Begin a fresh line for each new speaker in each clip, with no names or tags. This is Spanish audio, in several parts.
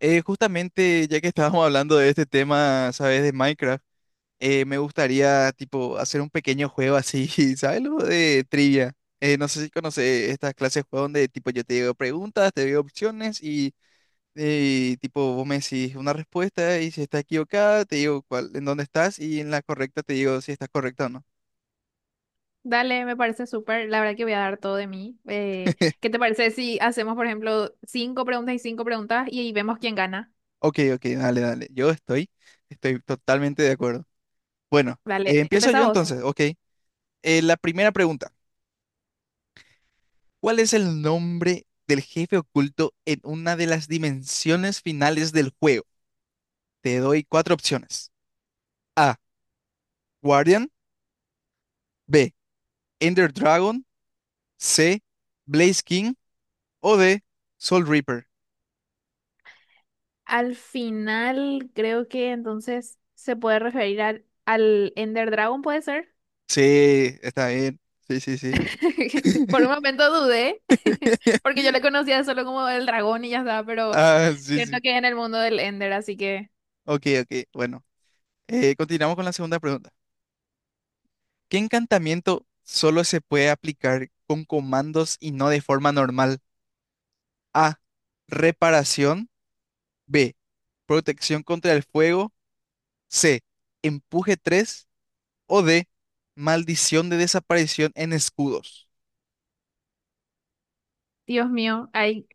Justamente, ya que estábamos hablando de este tema, ¿sabes? De Minecraft, me gustaría, tipo, hacer un pequeño juego así, ¿sabes? Algo de trivia. No sé si conoces estas clases de juego donde, tipo, yo te digo preguntas, te digo opciones y, tipo, vos me decís una respuesta y si está equivocada, te digo cuál, en dónde estás y en la correcta te digo si estás correcta o no.
Dale, me parece súper. La verdad que voy a dar todo de mí. ¿Qué te parece si hacemos, por ejemplo, cinco preguntas y ahí vemos quién gana?
Ok, ok, dale, dale. Estoy totalmente de acuerdo. Bueno,
Dale,
empiezo yo
empezá vos.
entonces, ok. La primera pregunta. ¿Cuál es el nombre del jefe oculto en una de las dimensiones finales del juego? Te doy cuatro opciones. A. Guardian. B. Ender Dragon. C. Blaze King. O D. Soul Reaper.
Al final, creo que entonces se puede referir al Ender Dragon, ¿puede ser?
Sí, está bien. Sí, sí, sí.
Por un momento dudé, porque yo le conocía solo como el dragón y ya está, pero
Ah, sí,
cierto
sí.
que es en el mundo del Ender, así que,
Ok, ok. Bueno, continuamos con la segunda pregunta. ¿Qué encantamiento solo se puede aplicar con comandos y no de forma normal? A. Reparación. B. Protección contra el fuego. C. Empuje 3. O D. Maldición de desaparición en escudos.
Dios mío, ahí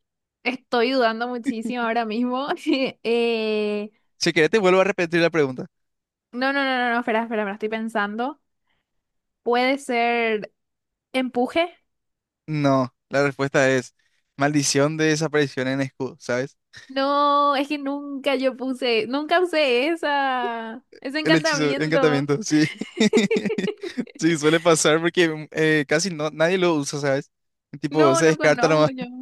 estoy dudando muchísimo ahora mismo. Eh,
Si querés, te vuelvo a repetir la pregunta.
No, no, no, no, no, espera, espera, me lo estoy pensando. ¿Puede ser empuje?
No, la respuesta es maldición de desaparición en escudos, ¿sabes?
No, es que nunca yo puse, nunca usé esa, ese
El hechizo,
encantamiento.
encantamiento, sí. Sí, suele pasar porque casi no, nadie lo usa, ¿sabes? Tipo,
No,
se
no
descarta
conozco
nomás.
yo.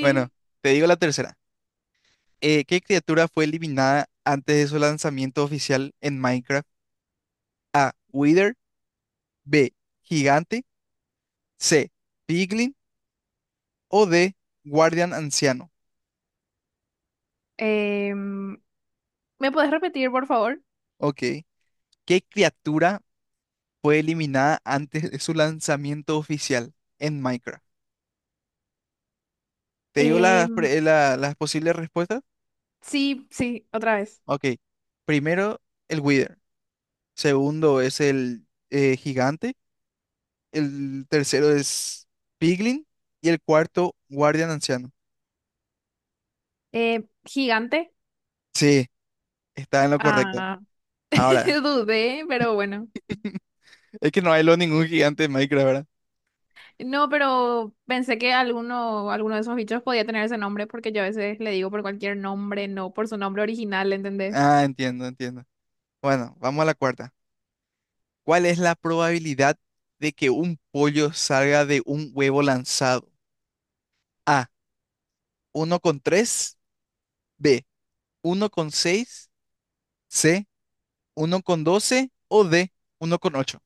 Bueno, te digo la tercera. ¿Qué criatura fue eliminada antes de su lanzamiento oficial en Minecraft? Wither, B, gigante. C, piglin. O D, guardián anciano.
Em, ¿Me puedes repetir, por favor?
Ok. ¿Qué criatura fue eliminada antes de su lanzamiento oficial en Minecraft? ¿Te digo las,
Em,
las posibles respuestas?
sí, sí, otra vez.
Ok. Primero, el Wither. Segundo es el gigante. El tercero es piglin. Y el cuarto, guardián anciano.
Gigante.
Sí, está en lo correcto.
Ah,
Ahora,
dudé, pero bueno.
es que no hay lo ningún gigante en Minecraft, ¿verdad?
No, pero pensé que alguno, alguno de esos bichos podía tener ese nombre porque yo a veces le digo por cualquier nombre, no por su nombre original, ¿entendés?
Ah, entiendo, entiendo. Bueno, vamos a la cuarta. ¿Cuál es la probabilidad de que un pollo salga de un huevo lanzado? A, uno con tres. B, uno con seis. C, uno con 12. O D, uno con ocho.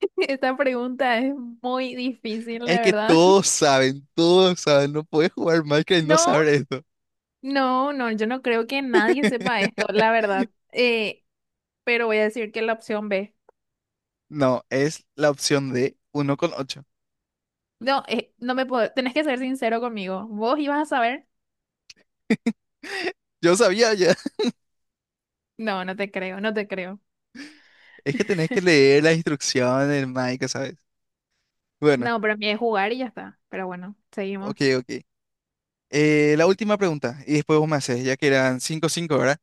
Esta pregunta es muy difícil, la
Es que
verdad.
todos saben, no puedes jugar Minecraft y no
No,
saber esto.
no, no, yo no creo que nadie sepa esto, la verdad. Pero voy a decir que la opción B.
No, es la opción D, uno con ocho.
No, no me puedo, tenés que ser sincero conmigo. ¿Vos ibas a saber?
Yo sabía ya.
No, no te creo, no te creo.
Es que tenés que leer las instrucciones, del Minecraft, ¿sabes? Bueno,
No, pero a mí es jugar y ya está. Pero bueno,
ok,
seguimos.
ok. La última pregunta, y después vos me haces, ya que eran cinco cinco, ¿verdad?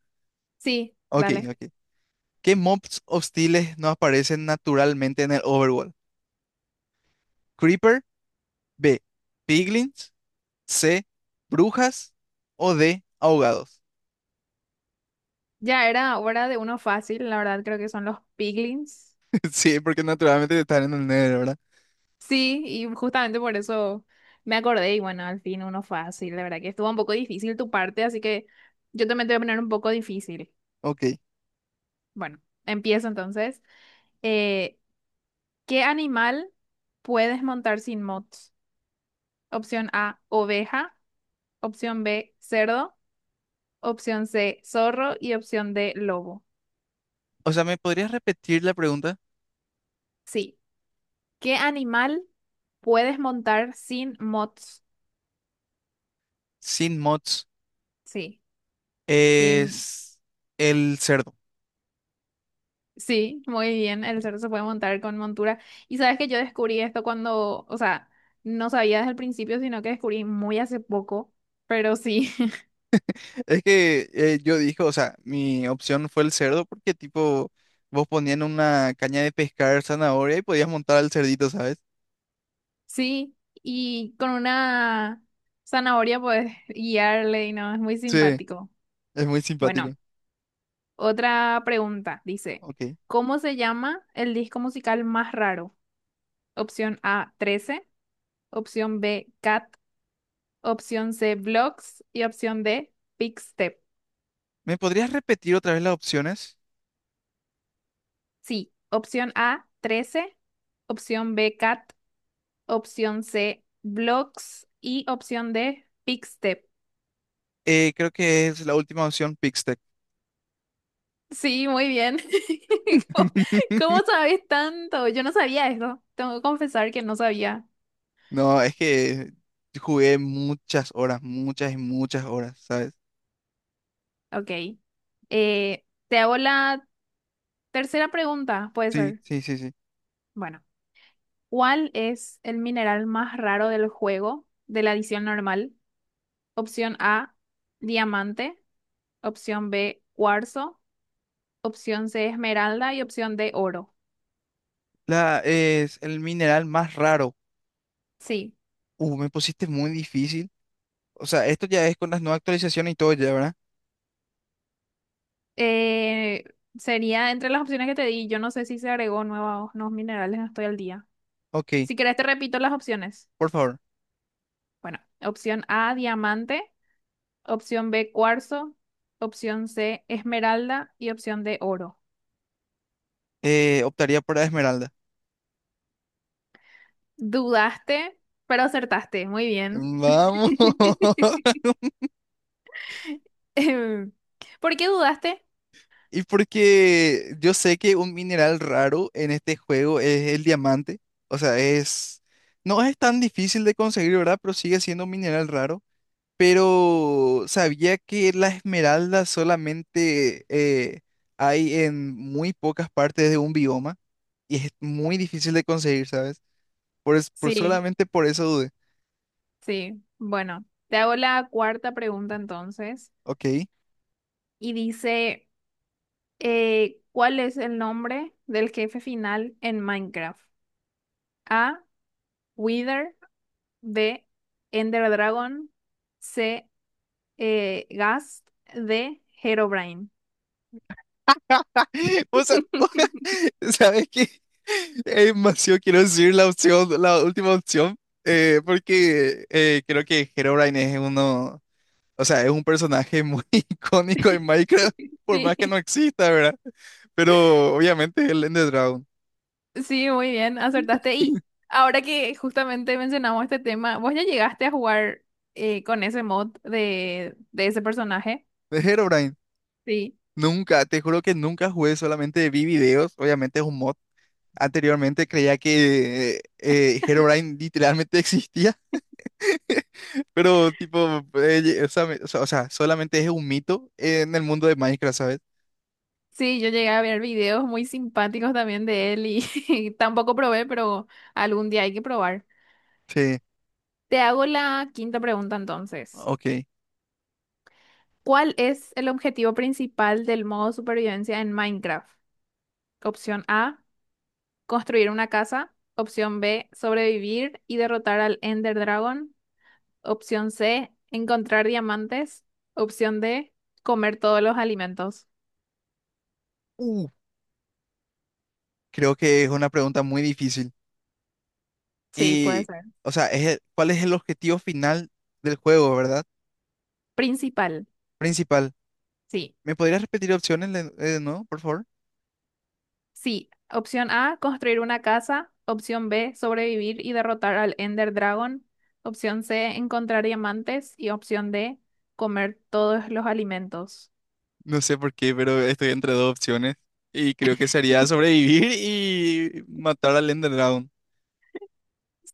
Sí,
Ok,
dale.
ok. ¿Qué mobs hostiles no aparecen naturalmente en el Overworld? Creeper, B, Piglins, C, Brujas o D, Ahogados.
Ya era hora de uno fácil, la verdad creo que son los piglins.
Sí, porque naturalmente están en el Nether, ¿verdad?
Sí, y justamente por eso me acordé y bueno, al fin uno fácil, la verdad que estuvo un poco difícil tu parte, así que yo también te voy a poner un poco difícil.
Ok.
Bueno, empiezo entonces. Eh, ¿Qué animal puedes montar sin mods? Opción A, oveja, opción B, cerdo, opción C, zorro y opción D, lobo.
O sea, ¿me podrías repetir la pregunta?
Sí, ¿qué animal puedes montar sin mods?
Sin mods
Sí. Sí,
es el cerdo.
sí, muy bien. El cerdo se puede montar con montura. Y sabes que yo descubrí esto cuando, o sea, no sabía desde el principio, sino que descubrí muy hace poco. Pero sí,
Es que yo dije, o sea, mi opción fue el cerdo porque tipo vos ponían una caña de pescar zanahoria y podías montar al cerdito, ¿sabes?
sí. Y con una zanahoria puedes guiarle y no, es muy
Sí,
simpático.
es muy simpático.
Bueno, otra pregunta. Dice,
Ok.
¿cómo se llama el disco musical más raro? Opción A, 13. Opción B, Cat. Opción C, Vlogs. Y opción D, Step.
¿Me podrías repetir otra vez las opciones?
Sí, opción A, 13, opción B, cat, opción C, blocks y opción D, step.
Creo que es la última opción, Pixtec.
Sí, muy bien. ¿Cómo, cómo sabes tanto? Yo no sabía eso. Tengo que confesar que no sabía.
No, es que jugué muchas horas, muchas y muchas horas, ¿sabes?
Ok. Te hago la tercera pregunta, puede
Sí,
ser.
sí, sí, sí.
Bueno, ¿cuál es el mineral más raro del juego de la edición normal? Opción A, diamante. Opción B, cuarzo. Opción C, esmeralda y opción D, oro.
La es el mineral más raro.
Sí.
Me pusiste muy difícil. O sea, esto ya es con las nuevas actualizaciones y todo ya, ¿verdad?
Eh, Sería entre las opciones que te di. Yo no sé si se agregó nuevos, nuevos minerales, no estoy al día.
Ok.
Si querés, te repito las opciones.
Por favor,
Bueno, opción A, diamante. Opción B, cuarzo. Opción C, esmeralda. Y opción D, oro.
optaría por la esmeralda.
Dudaste, pero acertaste. Muy bien.
Vamos.
Em, ¿Por qué dudaste?
Y porque yo sé que un mineral raro en este juego es el diamante. O sea, es... No es tan difícil de conseguir, ¿verdad? Pero sigue siendo un mineral raro. Pero sabía que la esmeralda solamente hay en muy pocas partes de un bioma. Y es muy difícil de conseguir, ¿sabes? Por
Sí,
solamente por eso dudé.
sí. Bueno, te hago la cuarta pregunta entonces.
Ok.
Y dice. ¿Cuál es el nombre del jefe final en Minecraft? A. Wither. B. Ender Dragon. C. Ghast. D. Herobrine.
O sea, ¿sabes qué? Es demasiado quiero decir la opción, la última opción, porque creo que Herobrine es uno, o sea, es un personaje muy icónico en Minecraft, por más que
Sí,
no exista, ¿verdad? Pero obviamente es el Ender Dragon.
sí, muy bien, acertaste. Y ahora que justamente mencionamos este tema, ¿vos ya llegaste a jugar con ese mod de ese personaje?
De Herobrine,
Sí.
nunca, te juro que nunca jugué, solamente vi videos, obviamente es un mod. Anteriormente creía que Herobrine literalmente existía. Pero, tipo, o sea, solamente es un mito en el mundo de Minecraft, ¿sabes?
Sí, yo llegué a ver videos muy simpáticos también de él y tampoco probé, pero algún día hay que probar.
Sí,
Te hago la quinta pregunta entonces.
ok.
¿Cuál es el objetivo principal del modo supervivencia en Minecraft? Opción A, construir una casa. Opción B, sobrevivir y derrotar al Ender Dragon. Opción C, encontrar diamantes. Opción D, comer todos los alimentos.
Uh, creo que es una pregunta muy difícil.
Sí, puede
Y,
ser.
o sea, ¿cuál es el objetivo final del juego, verdad?
Principal,
Principal.
sí.
¿Me podrías repetir opciones de nuevo, por favor?
Sí, opción A, construir una casa. Opción B, sobrevivir y derrotar al Ender Dragon. Opción C, encontrar diamantes. Y opción D, comer todos los alimentos.
No sé por qué, pero estoy entre dos opciones. Y creo que sería sobrevivir y matar al Ender Dragon.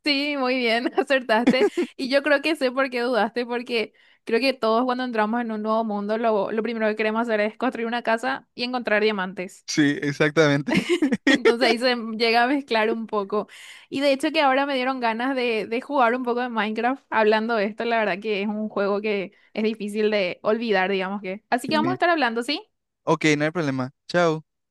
Sí, muy bien, acertaste. Y yo creo que sé por qué dudaste, porque creo que todos cuando entramos en un nuevo mundo, lo primero que queremos hacer es construir una casa y encontrar diamantes.
Sí, exactamente.
Entonces ahí se llega a mezclar un poco. Y de hecho que ahora me dieron ganas de jugar un poco de Minecraft hablando de esto. La verdad que es un juego que es difícil de olvidar, digamos que. Así que vamos a
Sí.
estar hablando, ¿sí?
Ok, no hay problema. Chao.